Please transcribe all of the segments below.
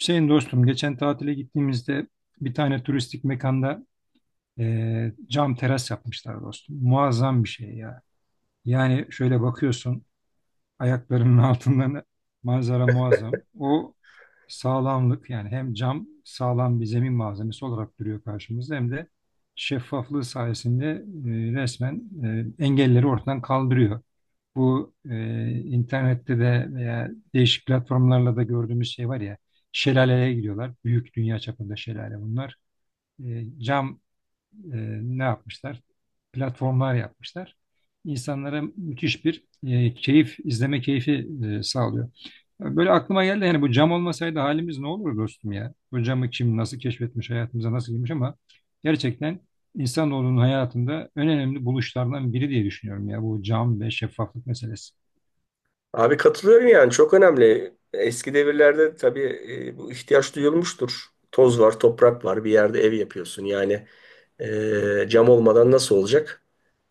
Hüseyin dostum geçen tatile gittiğimizde bir tane turistik mekanda cam teras yapmışlar dostum. Muazzam bir şey ya. Yani şöyle bakıyorsun ayaklarının altından manzara muazzam. O sağlamlık, yani hem cam sağlam bir zemin malzemesi olarak duruyor karşımızda hem de şeffaflığı sayesinde resmen engelleri ortadan kaldırıyor. Bu internette de veya değişik platformlarla da gördüğümüz şey var ya, şelaleye gidiyorlar. Büyük dünya çapında şelale bunlar. Cam e, ne yapmışlar? Platformlar yapmışlar. İnsanlara müthiş bir keyif, izleme keyfi sağlıyor. Böyle aklıma geldi, yani bu cam olmasaydı halimiz ne olur dostum ya? Bu camı kim nasıl keşfetmiş, hayatımıza nasıl girmiş ama gerçekten insanoğlunun hayatında en önemli buluşlardan biri diye düşünüyorum ya, bu cam ve şeffaflık meselesi. Abi katılıyorum yani çok önemli. Eski devirlerde tabii bu ihtiyaç duyulmuştur. Toz var, toprak var, bir yerde ev yapıyorsun. Yani cam olmadan nasıl olacak?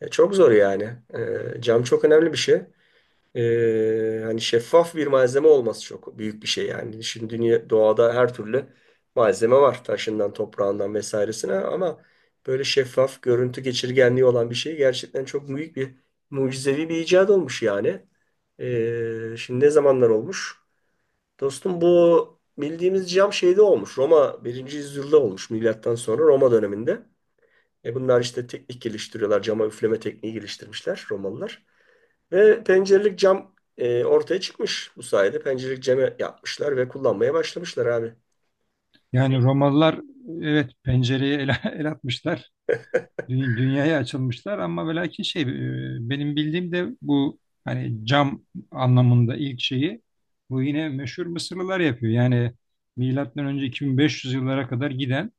Çok zor yani. Cam çok önemli bir şey. Hani şeffaf bir malzeme olması çok büyük bir şey yani. Şimdi dünya, doğada her türlü malzeme var. Taşından, toprağından vesairesine ama böyle şeffaf, görüntü geçirgenliği olan bir şey gerçekten çok büyük bir mucizevi bir icat olmuş yani. Şimdi ne zamanlar olmuş? Dostum bu bildiğimiz cam şeyde olmuş. Roma birinci yüzyılda olmuş milattan sonra Roma döneminde. Bunlar işte teknik geliştiriyorlar. Cama üfleme tekniği geliştirmişler Romalılar. Ve pencerelik cam ortaya çıkmış bu sayede. Pencerelik ceme yapmışlar ve kullanmaya başlamışlar abi. Yani Romalılar, evet, pencereye el atmışlar. Dünyaya açılmışlar, ama ve lakin benim bildiğim de bu, hani cam anlamında ilk şeyi bu yine meşhur Mısırlılar yapıyor. Yani milattan önce 2500 yıllara kadar giden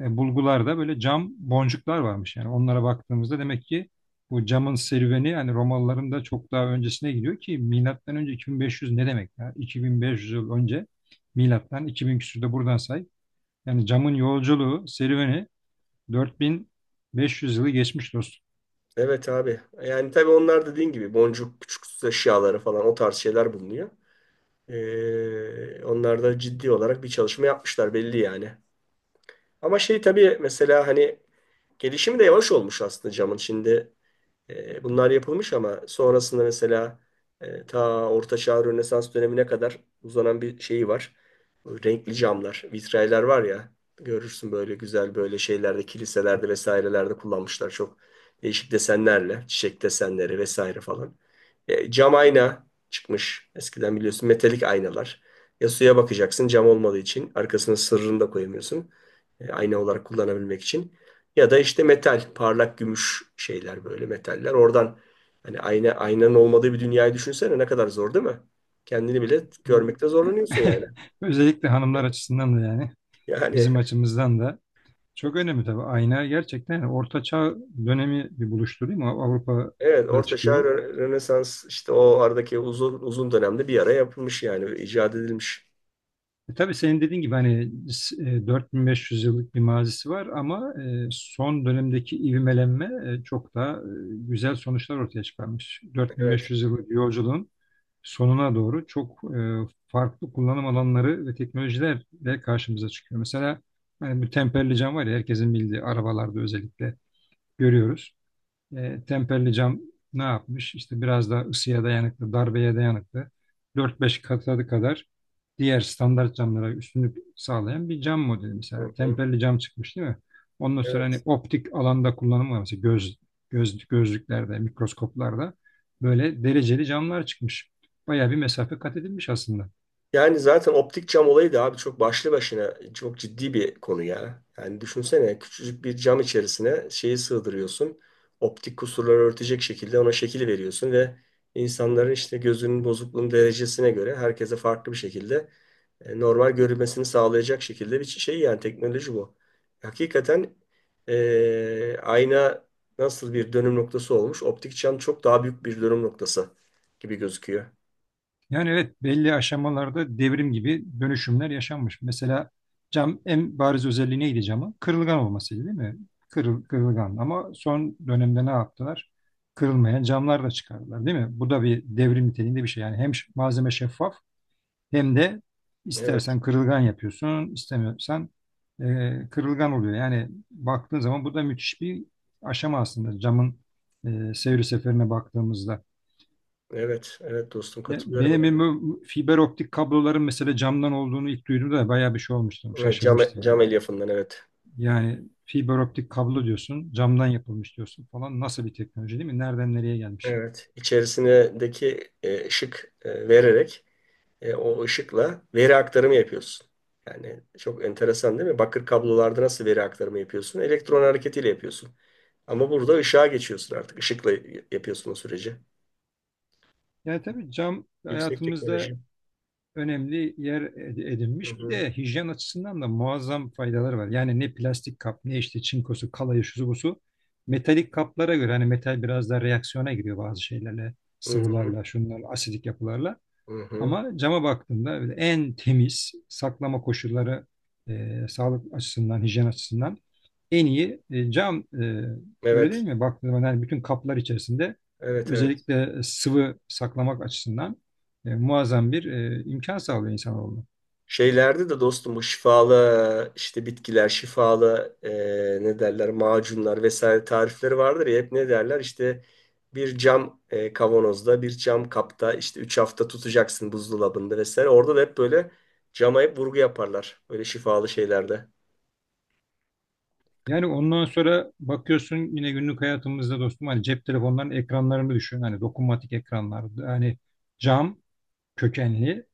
bulgularda böyle cam boncuklar varmış. Yani onlara baktığımızda demek ki bu camın serüveni hani Romalıların da çok daha öncesine gidiyor. Ki milattan önce 2500 ne demek ya? 2500 yıl önce, milattan 2000 küsürde buradan say. Yani camın yolculuğu, serüveni 4500 yılı geçmiş dostum. Evet abi. Yani tabii onlar da dediğin gibi boncuk, küçük süs eşyaları falan o tarz şeyler bulunuyor. Onlar da ciddi olarak bir çalışma yapmışlar belli yani. Ama şey tabii mesela hani gelişimi de yavaş olmuş aslında camın. Şimdi bunlar yapılmış ama sonrasında mesela ta Orta Çağ Rönesans dönemine kadar uzanan bir şeyi var. Bu renkli camlar, vitraylar var ya görürsün böyle güzel böyle şeylerde, kiliselerde vesairelerde kullanmışlar çok değişik desenlerle, çiçek desenleri vesaire falan. Cam ayna çıkmış. Eskiden biliyorsun metalik aynalar. Ya suya bakacaksın cam olmadığı için arkasına sırrını da koyamıyorsun. Ayna olarak kullanabilmek için. Ya da işte metal, parlak gümüş şeyler böyle metaller. Oradan hani ayna, aynanın olmadığı bir dünyayı düşünsene ne kadar zor değil mi? Kendini bile görmekte zorlanıyorsun yani. Özellikle hanımlar açısından da, yani Yani bizim açımızdan da çok önemli tabii. Ayna gerçekten, yani Orta Çağ dönemi bir buluştu değil mi? Evet, Avrupa'da Orta Çağ, çıkıyor. Rönesans, işte o aradaki uzun uzun dönemde bir ara yapılmış yani icat edilmiş. E tabii senin dediğin gibi, hani 4500 yıllık bir mazisi var, ama son dönemdeki ivmelenme çok daha güzel sonuçlar ortaya çıkarmış. Evet. 4500 yıllık yolculuğun sonuna doğru çok farklı kullanım alanları ve teknolojilerle karşımıza çıkıyor. Mesela hani bu temperli cam var ya, herkesin bildiği, arabalarda özellikle görüyoruz. E, temperli cam ne yapmış? İşte biraz daha ısıya dayanıklı, darbeye dayanıklı. 4-5 katı kadar diğer standart camlara üstünlük sağlayan bir cam modeli Hı mesela. hı. Temperli cam çıkmış değil mi? Ondan sonra Evet. hani optik alanda kullanımı var. Mesela gözlüklerde, mikroskoplarda böyle dereceli camlar çıkmış. Bayağı bir mesafe kat edilmiş aslında. Yani zaten optik cam olayı da abi çok başlı başına çok ciddi bir konu ya. Yani düşünsene küçücük bir cam içerisine şeyi sığdırıyorsun. Optik kusurları örtecek şekilde ona şekil veriyorsun ve insanların işte gözünün bozukluğunun derecesine göre herkese farklı bir şekilde normal görülmesini sağlayacak şekilde bir şey yani teknoloji bu. Hakikaten ayna nasıl bir dönüm noktası olmuş? Optik cam çok daha büyük bir dönüm noktası gibi gözüküyor. Yani evet, belli aşamalarda devrim gibi dönüşümler yaşanmış. Mesela cam, en bariz özelliği neydi camın? Kırılgan olmasıydı değil mi? Kırılgan, ama son dönemde ne yaptılar? Kırılmayan camlar da çıkardılar değil mi? Bu da bir devrim niteliğinde bir şey. Yani hem malzeme şeffaf hem de Evet. istersen kırılgan yapıyorsun, istemiyorsan kırılgan oluyor. Yani baktığın zaman bu da müthiş bir aşama aslında, camın seyri seferine baktığımızda. Evet, evet dostum Ya, katılıyorum benim yani. evime fiber optik kabloların mesela camdan olduğunu ilk duyduğumda da bayağı bir şey olmuştum. Evet, Şaşırmıştım cam yani. elyafından, evet. Yani fiber optik kablo diyorsun, camdan yapılmış diyorsun falan. Nasıl bir teknoloji değil mi? Nereden nereye gelmiş? Evet, içerisindeki ışık vererek o ışıkla veri aktarımı yapıyorsun. Yani çok enteresan değil mi? Bakır kablolarda nasıl veri aktarımı yapıyorsun? Elektron hareketiyle yapıyorsun. Ama burada ışığa geçiyorsun artık. Işıkla yapıyorsun o süreci. Yani tabii cam Yüksek teknoloji. hayatımızda önemli yer Hı edinmiş. Bir hı, de hijyen açısından da muazzam faydaları var. Yani ne plastik kap, ne işte çinkosu, kalayı, şusu busu. Metalik kaplara göre, hani metal biraz da reaksiyona giriyor bazı şeylerle, hı hı, sıvılarla, şunlarla, asidik yapılarla. hı hı. Ama cama baktığında böyle en temiz saklama koşulları, sağlık açısından, hijyen açısından en iyi cam, öyle değil Evet, mi? Baktığında zaman, yani bütün kaplar içerisinde evet, evet. özellikle sıvı saklamak açısından muazzam bir imkan sağlıyor insanoğluna. Şeylerde de dostum bu şifalı işte bitkiler, şifalı ne derler macunlar vesaire tarifleri vardır ya hep ne derler işte bir cam kavanozda bir cam kapta işte 3 hafta tutacaksın buzdolabında vesaire. Orada da hep böyle cama hep vurgu yaparlar böyle şifalı şeylerde. Yani ondan sonra bakıyorsun yine günlük hayatımızda dostum, hani cep telefonlarının ekranlarını düşün. Hani dokunmatik ekranlar, yani cam kökenli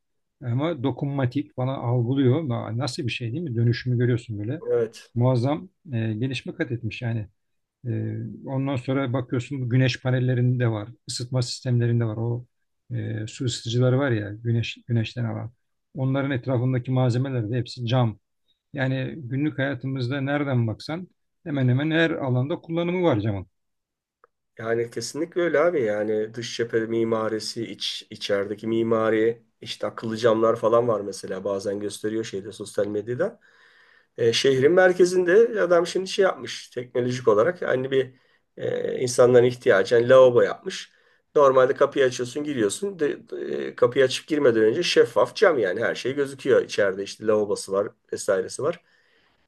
ama dokunmatik bana algılıyor. Nasıl bir şey değil mi? Dönüşümü görüyorsun böyle. Evet. Muazzam gelişme kat etmiş yani. E, Ondan sonra bakıyorsun, bu güneş panellerinde var, ısıtma sistemlerinde var. Su ısıtıcıları var ya, güneşten alan. Onların etrafındaki malzemeler de hepsi cam. Yani günlük hayatımızda nereden baksan hemen hemen her alanda kullanımı var camın. Yani kesinlikle öyle abi yani dış cephe mimarisi iç içerideki mimari işte akıllı camlar falan var mesela bazen gösteriyor şeyde sosyal medyada. Şehrin merkezinde adam şimdi şey yapmış teknolojik olarak. Hani bir insanların ihtiyacı. Hani lavabo yapmış. Normalde kapıyı açıyorsun giriyorsun. Kapıyı açıp girmeden önce şeffaf cam yani her şey gözüküyor. İçeride işte lavabosu var vesairesi var.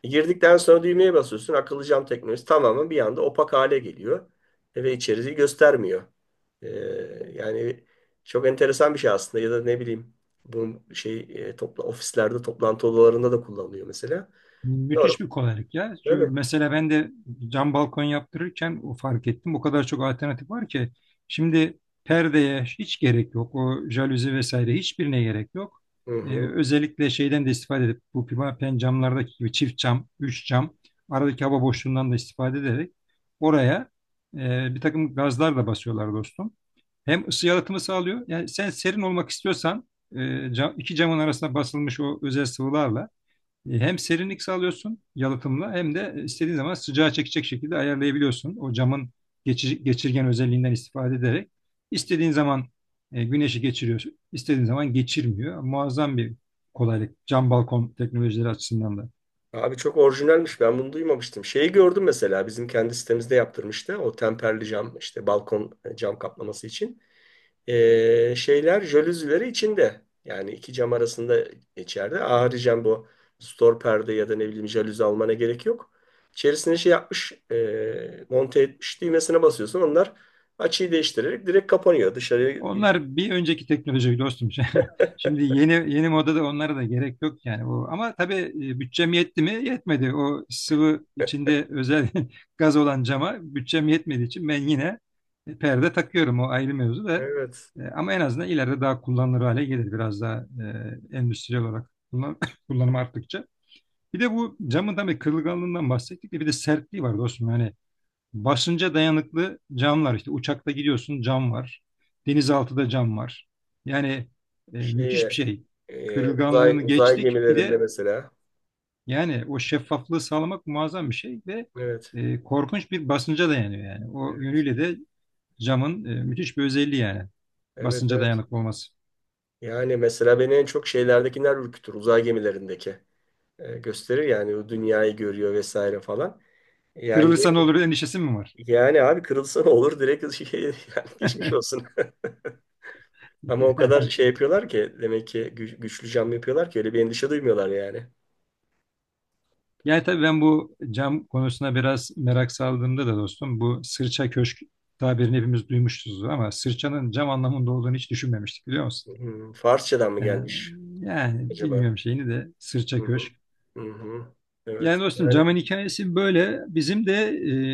Girdikten sonra düğmeye basıyorsun. Akıllı cam teknolojisi tamamen bir anda opak hale geliyor. Ve içeriği göstermiyor. E, Yani çok enteresan bir şey aslında ya da ne bileyim bunun şey ofislerde toplantı odalarında da kullanılıyor mesela. Müthiş bir kolaylık ya. Çünkü Tabii. mesela ben de cam balkon yaptırırken o fark ettim. O kadar çok alternatif var ki. Şimdi perdeye hiç gerek yok. O jaluzi vesaire hiçbirine gerek yok. Hı hı. Özellikle şeyden de istifade edip, bu pimapen camlardaki gibi çift cam, üç cam, aradaki hava boşluğundan da istifade ederek oraya bir takım gazlar da basıyorlar dostum. Hem ısı yalıtımı sağlıyor. Yani sen serin olmak istiyorsan iki camın arasına basılmış o özel sıvılarla e, hem serinlik sağlıyorsun yalıtımla, hem de istediğin zaman sıcağı çekecek şekilde ayarlayabiliyorsun. O camın geçirgen özelliğinden istifade ederek istediğin zaman güneşi geçiriyorsun, istediğin zaman geçirmiyor. Muazzam bir kolaylık cam balkon teknolojileri açısından da. Abi çok orijinalmiş. Ben bunu duymamıştım. Şeyi gördüm mesela. Bizim kendi sitemizde yaptırmıştı. O temperli cam işte balkon cam kaplaması için. Şeyler jalüzileri içinde. Yani iki cam arasında içeride. Haricen bu stor perde ya da ne bileyim jalüzi almana gerek yok. İçerisine şey yapmış. Monte etmiş. Düğmesine basıyorsun. Onlar açıyı değiştirerek direkt kapanıyor. Dışarıya, Onlar bir önceki teknoloji dostum. Şimdi yeni yeni modada onlara da gerek yok yani. O, ama tabii bütçem yetti mi? Yetmedi. O sıvı içinde özel gaz olan cama bütçem yetmediği için ben yine perde takıyorum. O ayrı mevzu da. evet. Ama en azından ileride daha kullanılır hale gelir. Biraz daha endüstriyel olarak kullanım arttıkça. Bir de bu camın tabii kırılganlığından bahsettik de, bir de sertliği var dostum. Yani basınca dayanıklı camlar, işte uçakta gidiyorsun cam var. Denizaltıda cam var. Yani müthiş bir Şeye, şey. Uzay Kırılganlığını geçtik. Bir gemilerinde de, mesela. yani o şeffaflığı sağlamak muazzam bir şey ve Evet. Korkunç bir basınca dayanıyor yani. O Evet. yönüyle de camın müthiş bir özelliği yani. Evet, Basınca evet. dayanıklı olması. Yani mesela beni en çok şeylerdekiler ürkütür. Uzay gemilerindeki gösterir yani o dünyayı görüyor vesaire falan. Yani, Kırılırsa ne olur endişesi mi var? Abi kırılsa ne olur direkt şey, yani geçmiş olsun. Ama o kadar şey yapıyorlar ki demek ki güçlü cam yapıyorlar ki öyle bir endişe duymuyorlar yani. Yani tabii ben bu cam konusuna biraz merak saldığımda da dostum, bu sırça köşk tabirini hepimiz duymuşuzdur, ama sırçanın cam anlamında olduğunu hiç düşünmemiştik, biliyor musun? Hmm, Farsçadan mı Yani, gelmiş yani acaba? bilmiyorum şeyini de, Hı sırça hı. köşk. Hı hı. Yani Evet. dostum Yani, camın hikayesi böyle. Bizim de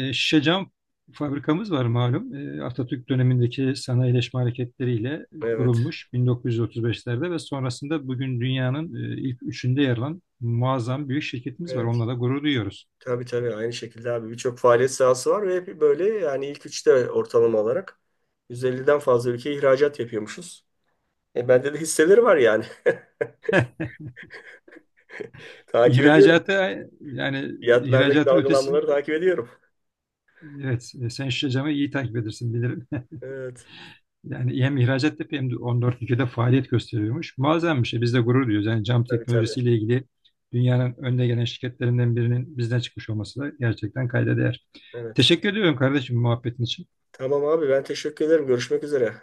şişe cam fabrikamız var malum. E, Atatürk dönemindeki sanayileşme hareketleriyle evet. kurulmuş 1935'lerde ve sonrasında bugün dünyanın ilk üçünde yer alan muazzam büyük şirketimiz var. Onunla Evet. da gurur duyuyoruz. Tabii tabii aynı şekilde abi birçok faaliyet sahası var ve hep böyle yani ilk üçte ortalama olarak 150'den fazla ülkeye ihracat yapıyormuşuz. Bende de hisseleri var yani. Takip ediyorum. İhracata, yani Fiyatlardaki ihracatın ötesi, dalgalanmaları takip ediyorum. evet, sen Şişecam'ı iyi takip edersin bilirim. Evet. Yani hem ihracat yapıyor hem de 14 ülkede faaliyet gösteriyormuş. Muazzam bir şey. Biz de gurur duyuyoruz. Yani cam Tabii tabii. teknolojisiyle ilgili dünyanın önde gelen şirketlerinden birinin bizden çıkmış olması da gerçekten kayda değer. Evet. Teşekkür ediyorum kardeşim muhabbetin için. Tamam abi ben teşekkür ederim. Görüşmek üzere.